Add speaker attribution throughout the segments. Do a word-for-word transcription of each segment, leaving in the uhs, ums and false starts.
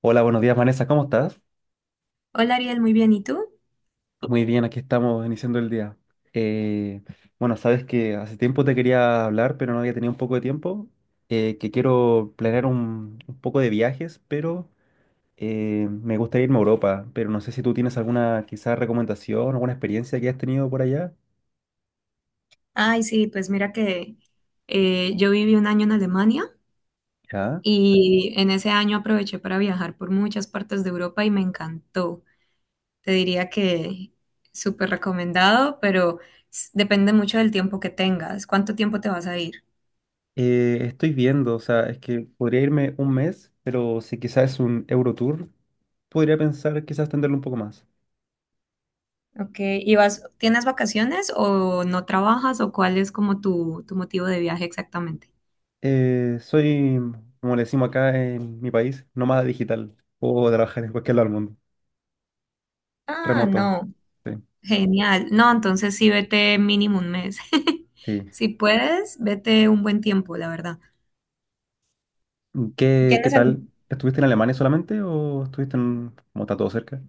Speaker 1: Hola, buenos días, Vanessa, ¿cómo estás?
Speaker 2: Hola Ariel, muy bien. ¿Y tú?
Speaker 1: Muy bien, aquí estamos iniciando el día. Eh, bueno, sabes que hace tiempo te quería hablar, pero no había tenido un poco de tiempo. Eh, que quiero planear un, un poco de viajes, pero eh, me gustaría irme a Europa, pero no sé si tú tienes alguna quizás recomendación, alguna experiencia que has tenido por allá.
Speaker 2: Ay, sí, pues mira que eh, yo viví un año en Alemania
Speaker 1: Ya.
Speaker 2: y en ese año aproveché para viajar por muchas partes de Europa y me encantó. Te diría que súper recomendado, pero s- depende mucho del tiempo que tengas. ¿Cuánto tiempo te vas a ir?
Speaker 1: Eh, estoy viendo, o sea, es que podría irme un mes, pero si quizás es un Eurotour, podría pensar quizás extenderlo un poco más.
Speaker 2: Ok, ¿y vas, tienes vacaciones o no trabajas o cuál es como tu, tu, motivo de viaje exactamente?
Speaker 1: Eh, soy, como le decimos acá en mi país, nómada digital. Puedo trabajar en cualquier lado del mundo.
Speaker 2: Ah,
Speaker 1: Remoto,
Speaker 2: no.
Speaker 1: sí.
Speaker 2: Genial. No, entonces sí vete mínimo un mes.
Speaker 1: Sí.
Speaker 2: Si puedes, vete un buen tiempo, la verdad.
Speaker 1: ¿Qué, qué
Speaker 2: ¿Tienes algún-
Speaker 1: tal? ¿Estuviste en Alemania solamente o estuviste en, como está todo cerca?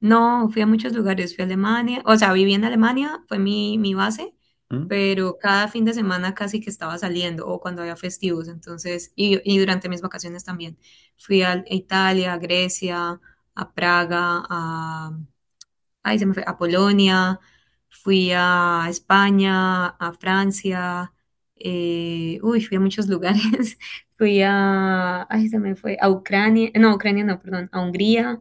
Speaker 2: No, fui a muchos lugares, fui a Alemania, o sea, viví en Alemania, fue mi, mi base,
Speaker 1: ¿Mm?
Speaker 2: pero cada fin de semana casi que estaba saliendo, o cuando había festivos, entonces, y, y durante mis vacaciones también. Fui a Italia, a Grecia, a Praga, a ahí se me fue, a Polonia, fui a España, a Francia, eh, uy, fui a muchos lugares, fui a, ay, se me fue, a Ucrania, no, Ucrania no, perdón, a Hungría,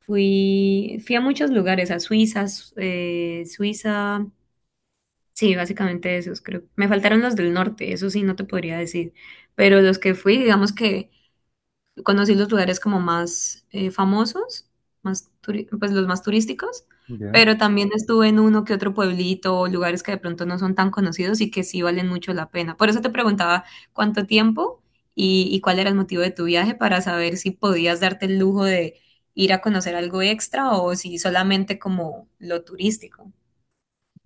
Speaker 2: fui, fui a muchos lugares, a Suiza, Su- eh, Suiza, sí, básicamente esos, creo. Me faltaron los del norte, eso sí, no te podría decir, pero los que fui, digamos que conocí los lugares como más eh, famosos, más turi- pues los más turísticos,
Speaker 1: Ya.
Speaker 2: pero también estuve en uno que otro pueblito o lugares que de pronto no son tan conocidos y que sí valen mucho la pena. Por eso te preguntaba cuánto tiempo y, y cuál era el motivo de tu viaje para saber si podías darte el lujo de ir a conocer algo extra o si solamente como lo turístico.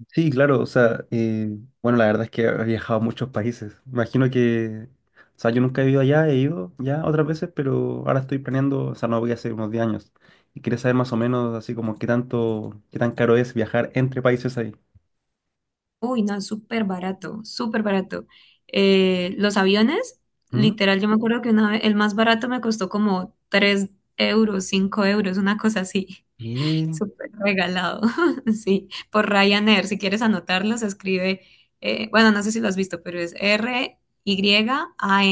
Speaker 1: Sí, claro, o sea, eh, bueno, la verdad es que he viajado a muchos países. Imagino que, o sea, yo nunca he ido allá, he ido ya otras veces, pero ahora estoy planeando, o sea, no voy a hacer unos diez años. Y quería saber más o menos así como qué tanto, qué tan caro es viajar entre países ahí.
Speaker 2: Uy, no, súper barato, súper barato. Eh, los aviones,
Speaker 1: ¿Mm?
Speaker 2: literal, yo me acuerdo que una vez, el más barato me costó como tres euros, cinco euros, una cosa así.
Speaker 1: Bien.
Speaker 2: Súper regalado, sí. Por Ryanair, si quieres anotarlo, se escribe, eh, bueno, no sé si lo has visto, pero es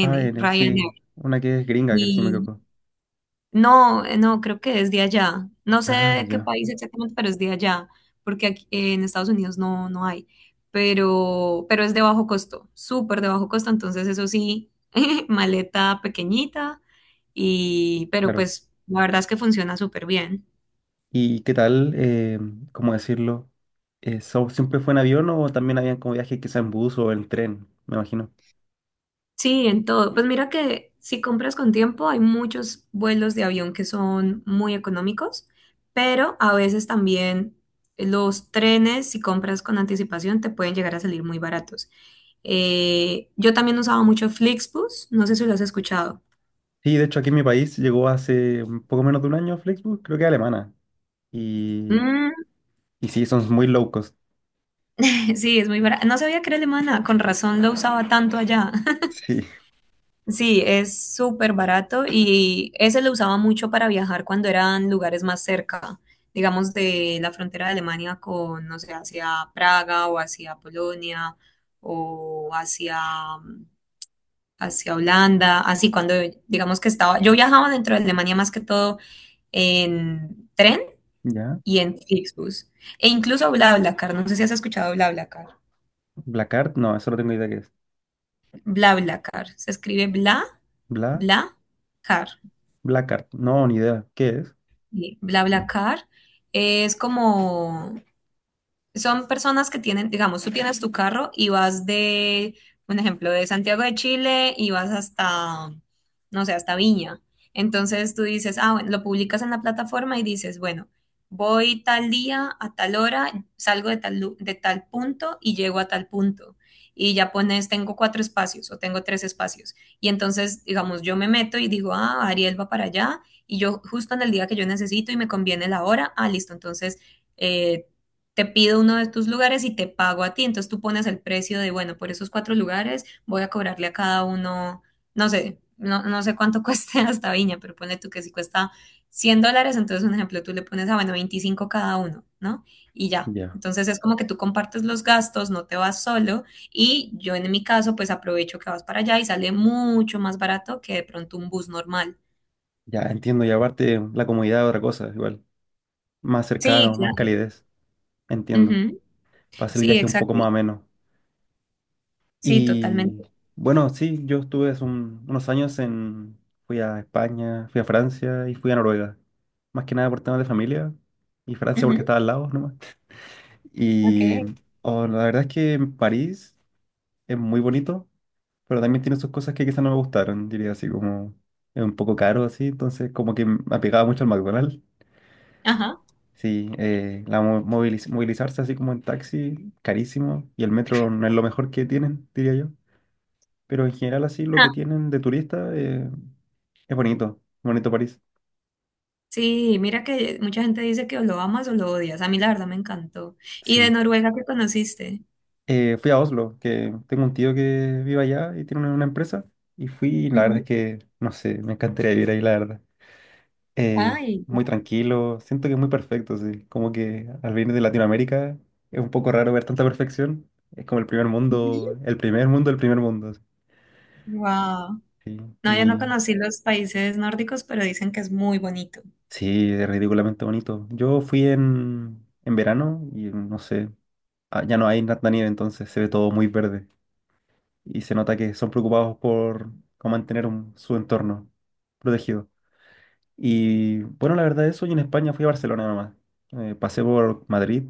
Speaker 1: Ah, N, sí,
Speaker 2: Ryanair.
Speaker 1: una que es gringa, que sí me equivoco.
Speaker 2: No, eh, no, creo que es de allá. No sé
Speaker 1: Ah,
Speaker 2: de qué
Speaker 1: ya,
Speaker 2: país exactamente, pero es de allá, porque aquí eh, en Estados Unidos no, no, hay, pero, pero es de bajo costo, súper de bajo costo, entonces eso sí, maleta pequeñita, y, pero
Speaker 1: claro.
Speaker 2: pues la verdad es que funciona súper bien.
Speaker 1: ¿Y qué tal, eh, cómo decirlo? Eh, ¿so- ¿siempre fue en avión o también habían como viajes quizá en bus o en tren? Me imagino.
Speaker 2: Sí, en todo. Pues mira que si compras con tiempo, hay muchos vuelos de avión que son muy económicos, pero a veces también los trenes, si compras con anticipación, te pueden llegar a salir muy baratos. Eh, yo también usaba mucho Flixbus, no sé si lo has escuchado.
Speaker 1: Sí, de hecho aquí en mi país llegó hace un poco menos de un año Flixbus, creo que alemana. Y,
Speaker 2: Mm,
Speaker 1: y sí, son muy low cost.
Speaker 2: Sí, es muy barato. No sabía que era alemana, con razón lo usaba tanto allá.
Speaker 1: Sí,
Speaker 2: Sí, es súper barato y ese lo usaba mucho para viajar cuando eran lugares más cerca, digamos de la frontera de Alemania con, no sé, hacia Praga o hacia Polonia o hacia, hacia Holanda, así cuando digamos que estaba, yo viajaba dentro de Alemania más que todo en tren
Speaker 1: ya.
Speaker 2: y en Flixbus e incluso BlaBlaCar, no sé si has escuchado BlaBlaCar.
Speaker 1: Blackart, no, eso no tengo idea qué es.
Speaker 2: BlaBlaCar, se escribe Bla,
Speaker 1: Bla,
Speaker 2: Bla,
Speaker 1: Blackart, no, ni idea. ¿Qué es?
Speaker 2: sí, BlaBlaCar es como, son personas que tienen, digamos, tú tienes tu carro y vas de, un ejemplo, de Santiago de Chile y vas hasta, no sé, hasta Viña. Entonces tú dices, ah, bueno, lo publicas en la plataforma y dices, bueno, voy tal día a tal hora, salgo de tal, lu- de tal punto y llego a tal punto. Y ya pones, tengo cuatro espacios o tengo tres espacios. Y entonces, digamos, yo me meto y digo, ah, Ariel va para allá y yo justo en el día que yo necesito y me conviene la hora, ah, listo, entonces eh, te pido uno de tus lugares y te pago a ti. Entonces tú pones el precio de, bueno, por esos cuatro lugares voy a cobrarle a cada uno, no sé, no, no sé cuánto cueste hasta Viña, pero pone tú que si cuesta cien dólares, entonces un ejemplo, tú le pones a, bueno, veinticinco cada uno, ¿no? Y ya.
Speaker 1: Ya,
Speaker 2: Entonces es como que tú compartes los gastos, no te vas solo y yo en mi caso pues aprovecho que vas para allá y sale mucho más barato que de pronto un bus normal.
Speaker 1: ya entiendo. Y aparte la comodidad es otra cosa, igual. Más
Speaker 2: Sí,
Speaker 1: cercano, más
Speaker 2: claro.
Speaker 1: calidez. Entiendo.
Speaker 2: Ujú.
Speaker 1: Para hacer el
Speaker 2: Sí,
Speaker 1: viaje un poco
Speaker 2: exacto.
Speaker 1: más ameno.
Speaker 2: Sí,
Speaker 1: Y
Speaker 2: totalmente.
Speaker 1: bueno, sí, yo estuve hace un- unos años en, fui a España, fui a Francia y fui a Noruega. Más que nada por temas de familia y Francia porque
Speaker 2: Ujú.
Speaker 1: estaba al lado nomás.
Speaker 2: Ok.
Speaker 1: Y oh, la verdad es que París es muy bonito, pero también tiene sus cosas que quizás no me gustaron, diría, así como es un poco caro, así, entonces como que me apegaba mucho al McDonald's.
Speaker 2: Ajá.
Speaker 1: Sí, eh, la mo- moviliz- movilizarse así como en taxi, carísimo, y el metro no es lo mejor que tienen, diría yo. Pero en general así lo que tienen de turista, eh, es bonito, bonito París.
Speaker 2: Sí, mira que mucha gente dice que o lo amas o lo odias. A mí la verdad me encantó. ¿Y de
Speaker 1: Sí.
Speaker 2: Noruega qué conociste?
Speaker 1: Eh, fui a Oslo, que tengo un tío que vive allá y tiene una, una empresa. Y fui, y la verdad es
Speaker 2: Ujú.
Speaker 1: que, no sé, me encantaría vivir ahí, la verdad. Eh,
Speaker 2: Ay.
Speaker 1: muy tranquilo, siento que es muy perfecto, sí. Como que al venir de Latinoamérica es un poco raro ver tanta perfección. Es como el primer mundo, el primer mundo, el primer mundo. Así.
Speaker 2: Wow.
Speaker 1: Sí.
Speaker 2: No, yo no
Speaker 1: Y
Speaker 2: conocí los países nórdicos, pero dicen que es muy bonito.
Speaker 1: sí, es ridículamente bonito. Yo fui en, en verano y no sé, ah, ya no hay tanta nieve, entonces se ve todo muy verde y se nota que son preocupados por cómo mantener un- su entorno protegido. Y bueno, la verdad es hoy en España fui a Barcelona nomás. Eh, pasé por Madrid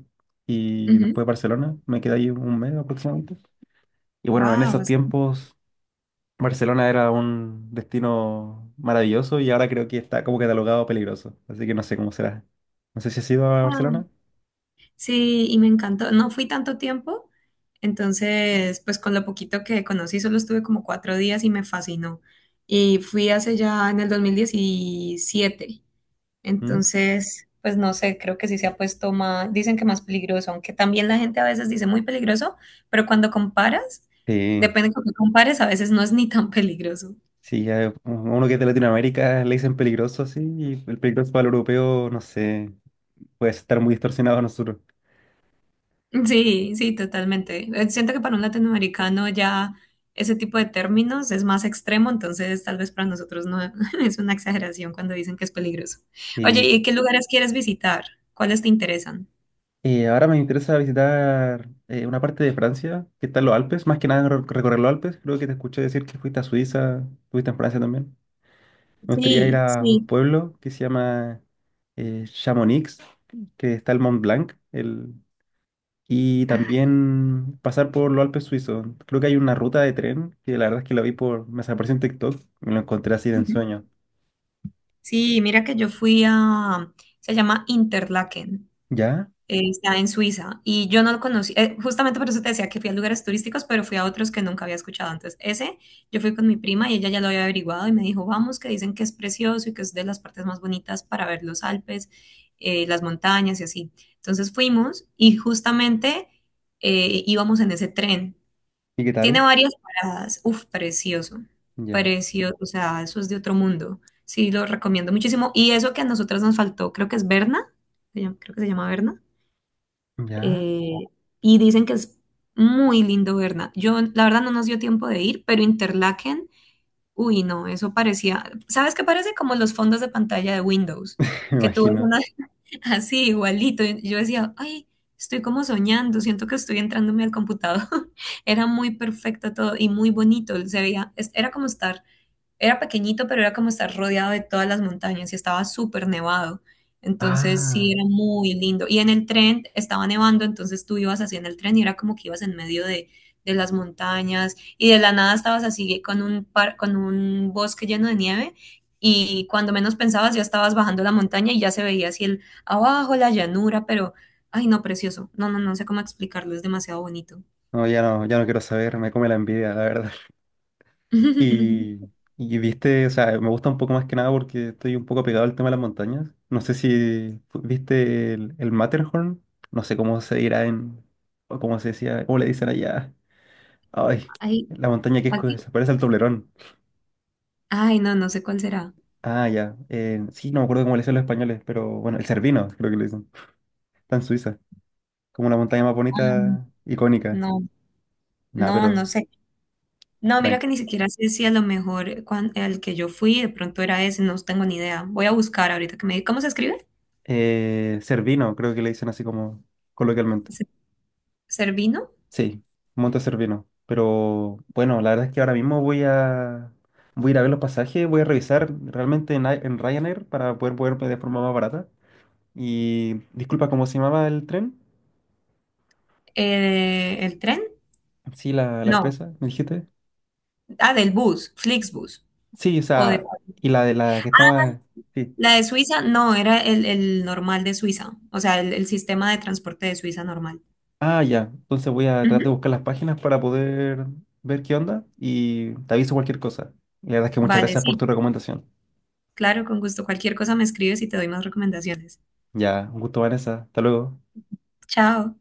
Speaker 1: y
Speaker 2: Ujú.
Speaker 1: después Barcelona, me quedé ahí un mes aproximadamente. Y bueno, en
Speaker 2: Wow.
Speaker 1: esos tiempos Barcelona era un destino maravilloso y ahora creo que está como catalogado peligroso, así que no sé cómo será. No sé si has ido a
Speaker 2: Ah,
Speaker 1: Barcelona.
Speaker 2: sí, y me encantó. No fui tanto tiempo, entonces, pues con lo poquito que conocí, solo estuve como cuatro días y me fascinó. Y fui hace ya en el dos mil diecisiete.
Speaker 1: ¿Mm?
Speaker 2: Entonces, pues no sé, creo que sí se ha puesto más, dicen que más peligroso, aunque también la gente a veces dice muy peligroso, pero cuando comparas,
Speaker 1: Sí.
Speaker 2: depende de cómo compares, a veces no es ni tan peligroso.
Speaker 1: Sí, ya uno que es de Latinoamérica le dicen peligroso, sí, y el peligroso para el europeo, no sé, puede estar muy distorsionado a nosotros.
Speaker 2: Sí, sí, totalmente. Eh, Siento que para un latinoamericano ya ese tipo de términos es más extremo, entonces tal vez para nosotros no es una exageración cuando dicen que es peligroso. Oye,
Speaker 1: Sí.
Speaker 2: ¿y qué lugares quieres visitar? ¿Cuáles te interesan?
Speaker 1: Eh, ahora me interesa visitar eh, una parte de Francia, que está en los Alpes, más que nada recor- recorrer los Alpes. Creo que te escuché decir que fuiste a Suiza, fuiste en Francia también. Me gustaría ir
Speaker 2: Sí,
Speaker 1: a un
Speaker 2: sí.
Speaker 1: pueblo que se llama eh, Chamonix, que está el Mont Blanc, el, y
Speaker 2: Ah.
Speaker 1: también pasar por los Alpes suizos. Creo que hay una ruta de tren que la verdad es que la vi por, me apareció en TikTok, me lo encontré así de ensueño.
Speaker 2: Sí, mira que yo fui a, se llama Interlaken,
Speaker 1: ¿Ya?
Speaker 2: eh, está en Suiza y yo no lo conocí, eh, justamente por eso te decía que fui a lugares turísticos, pero fui a otros que nunca había escuchado antes. Ese, yo fui con mi prima y ella ya lo había averiguado y me dijo, vamos, que dicen que es precioso y que es de las partes más bonitas para ver los Alpes, eh, las montañas y así. Entonces fuimos y justamente eh, íbamos en ese tren.
Speaker 1: ¿Y qué
Speaker 2: Tiene
Speaker 1: tal?
Speaker 2: varias paradas. Uf, precioso.
Speaker 1: Ya,
Speaker 2: Precioso. O sea, eso es de otro mundo. Sí, lo recomiendo muchísimo. Y eso que a nosotras nos faltó, creo que es Berna. se llama- Creo que se llama Berna.
Speaker 1: ya,
Speaker 2: eh, y dicen que es muy lindo Berna. Yo, la verdad, no nos dio tiempo de ir, pero Interlaken, uy, no, eso parecía. ¿Sabes qué parece? Como los fondos de pantalla de Windows.
Speaker 1: me
Speaker 2: Que tú ves
Speaker 1: imagino.
Speaker 2: una, así, igualito. Yo decía, ay, estoy como soñando, siento que estoy entrándome al computador. Era muy perfecto todo y muy bonito. Se veía, es- era como estar era pequeñito, pero era como estar rodeado de todas las montañas y estaba súper nevado. Entonces
Speaker 1: Ah,
Speaker 2: sí, era muy lindo. Y en el tren estaba nevando, entonces tú ibas así en el tren y era como que ibas en medio de, de las montañas y de la nada estabas así con un, par, con un bosque lleno de nieve y cuando menos pensabas ya estabas bajando la montaña y ya se veía así el abajo, la llanura, pero, ay no, precioso. No, no, no sé cómo explicarlo, es demasiado bonito.
Speaker 1: no, ya no, ya no quiero saber, me come la envidia, la verdad. Y, y viste, o sea, me gusta un poco más que nada porque estoy un poco pegado al tema de las montañas. No sé si fu- viste el, el Matterhorn, no sé cómo se dirá en, o cómo se decía, cómo le dicen allá. Ay,
Speaker 2: Ay,
Speaker 1: la montaña que es, co-
Speaker 2: aquí.
Speaker 1: se parece al Toblerón.
Speaker 2: Ay, no, no sé cuál será.
Speaker 1: Ah, ya. Eh, sí, no me acuerdo cómo le dicen los españoles, pero bueno, el Cervino, creo que le dicen. Está en Suiza. Como la montaña más
Speaker 2: Ah,
Speaker 1: bonita, icónica.
Speaker 2: no,
Speaker 1: Nah, pero.
Speaker 2: No, no sé. No, mira que
Speaker 1: Tranqui.
Speaker 2: ni siquiera sé si a lo mejor cuan- el que yo fui de pronto era ese, no tengo ni idea. Voy a buscar ahorita que me diga. ¿Cómo se escribe?
Speaker 1: Eh, Cervino, creo que le dicen así como coloquialmente.
Speaker 2: Se- ¿Servino?
Speaker 1: Sí, Monte Cervino. Pero bueno, la verdad es que ahora mismo voy a. Voy a ir a ver los pasajes, voy a revisar realmente en, Ai- en Ryanair para poder moverme de forma más barata. Y disculpa, ¿cómo se llamaba el tren?
Speaker 2: Eh, ¿el tren?
Speaker 1: Sí, la, la
Speaker 2: No.
Speaker 1: empresa, me dijiste.
Speaker 2: Ah, del bus, Flixbus.
Speaker 1: Sí, o
Speaker 2: O de,
Speaker 1: sea, y la de la que estaba. Sí.
Speaker 2: la de Suiza, no, era el, el normal de Suiza, o sea, el, el sistema de transporte de Suiza normal.
Speaker 1: Ah, ya. Entonces voy a tratar de
Speaker 2: Ujú.
Speaker 1: buscar las páginas para poder ver qué onda y te aviso cualquier cosa. Y la verdad es que muchas
Speaker 2: Vale,
Speaker 1: gracias por
Speaker 2: sí,
Speaker 1: tu recomendación.
Speaker 2: claro, con gusto. Cualquier cosa me escribes y te doy más recomendaciones.
Speaker 1: Ya, un gusto, Vanessa. Hasta luego.
Speaker 2: Chao.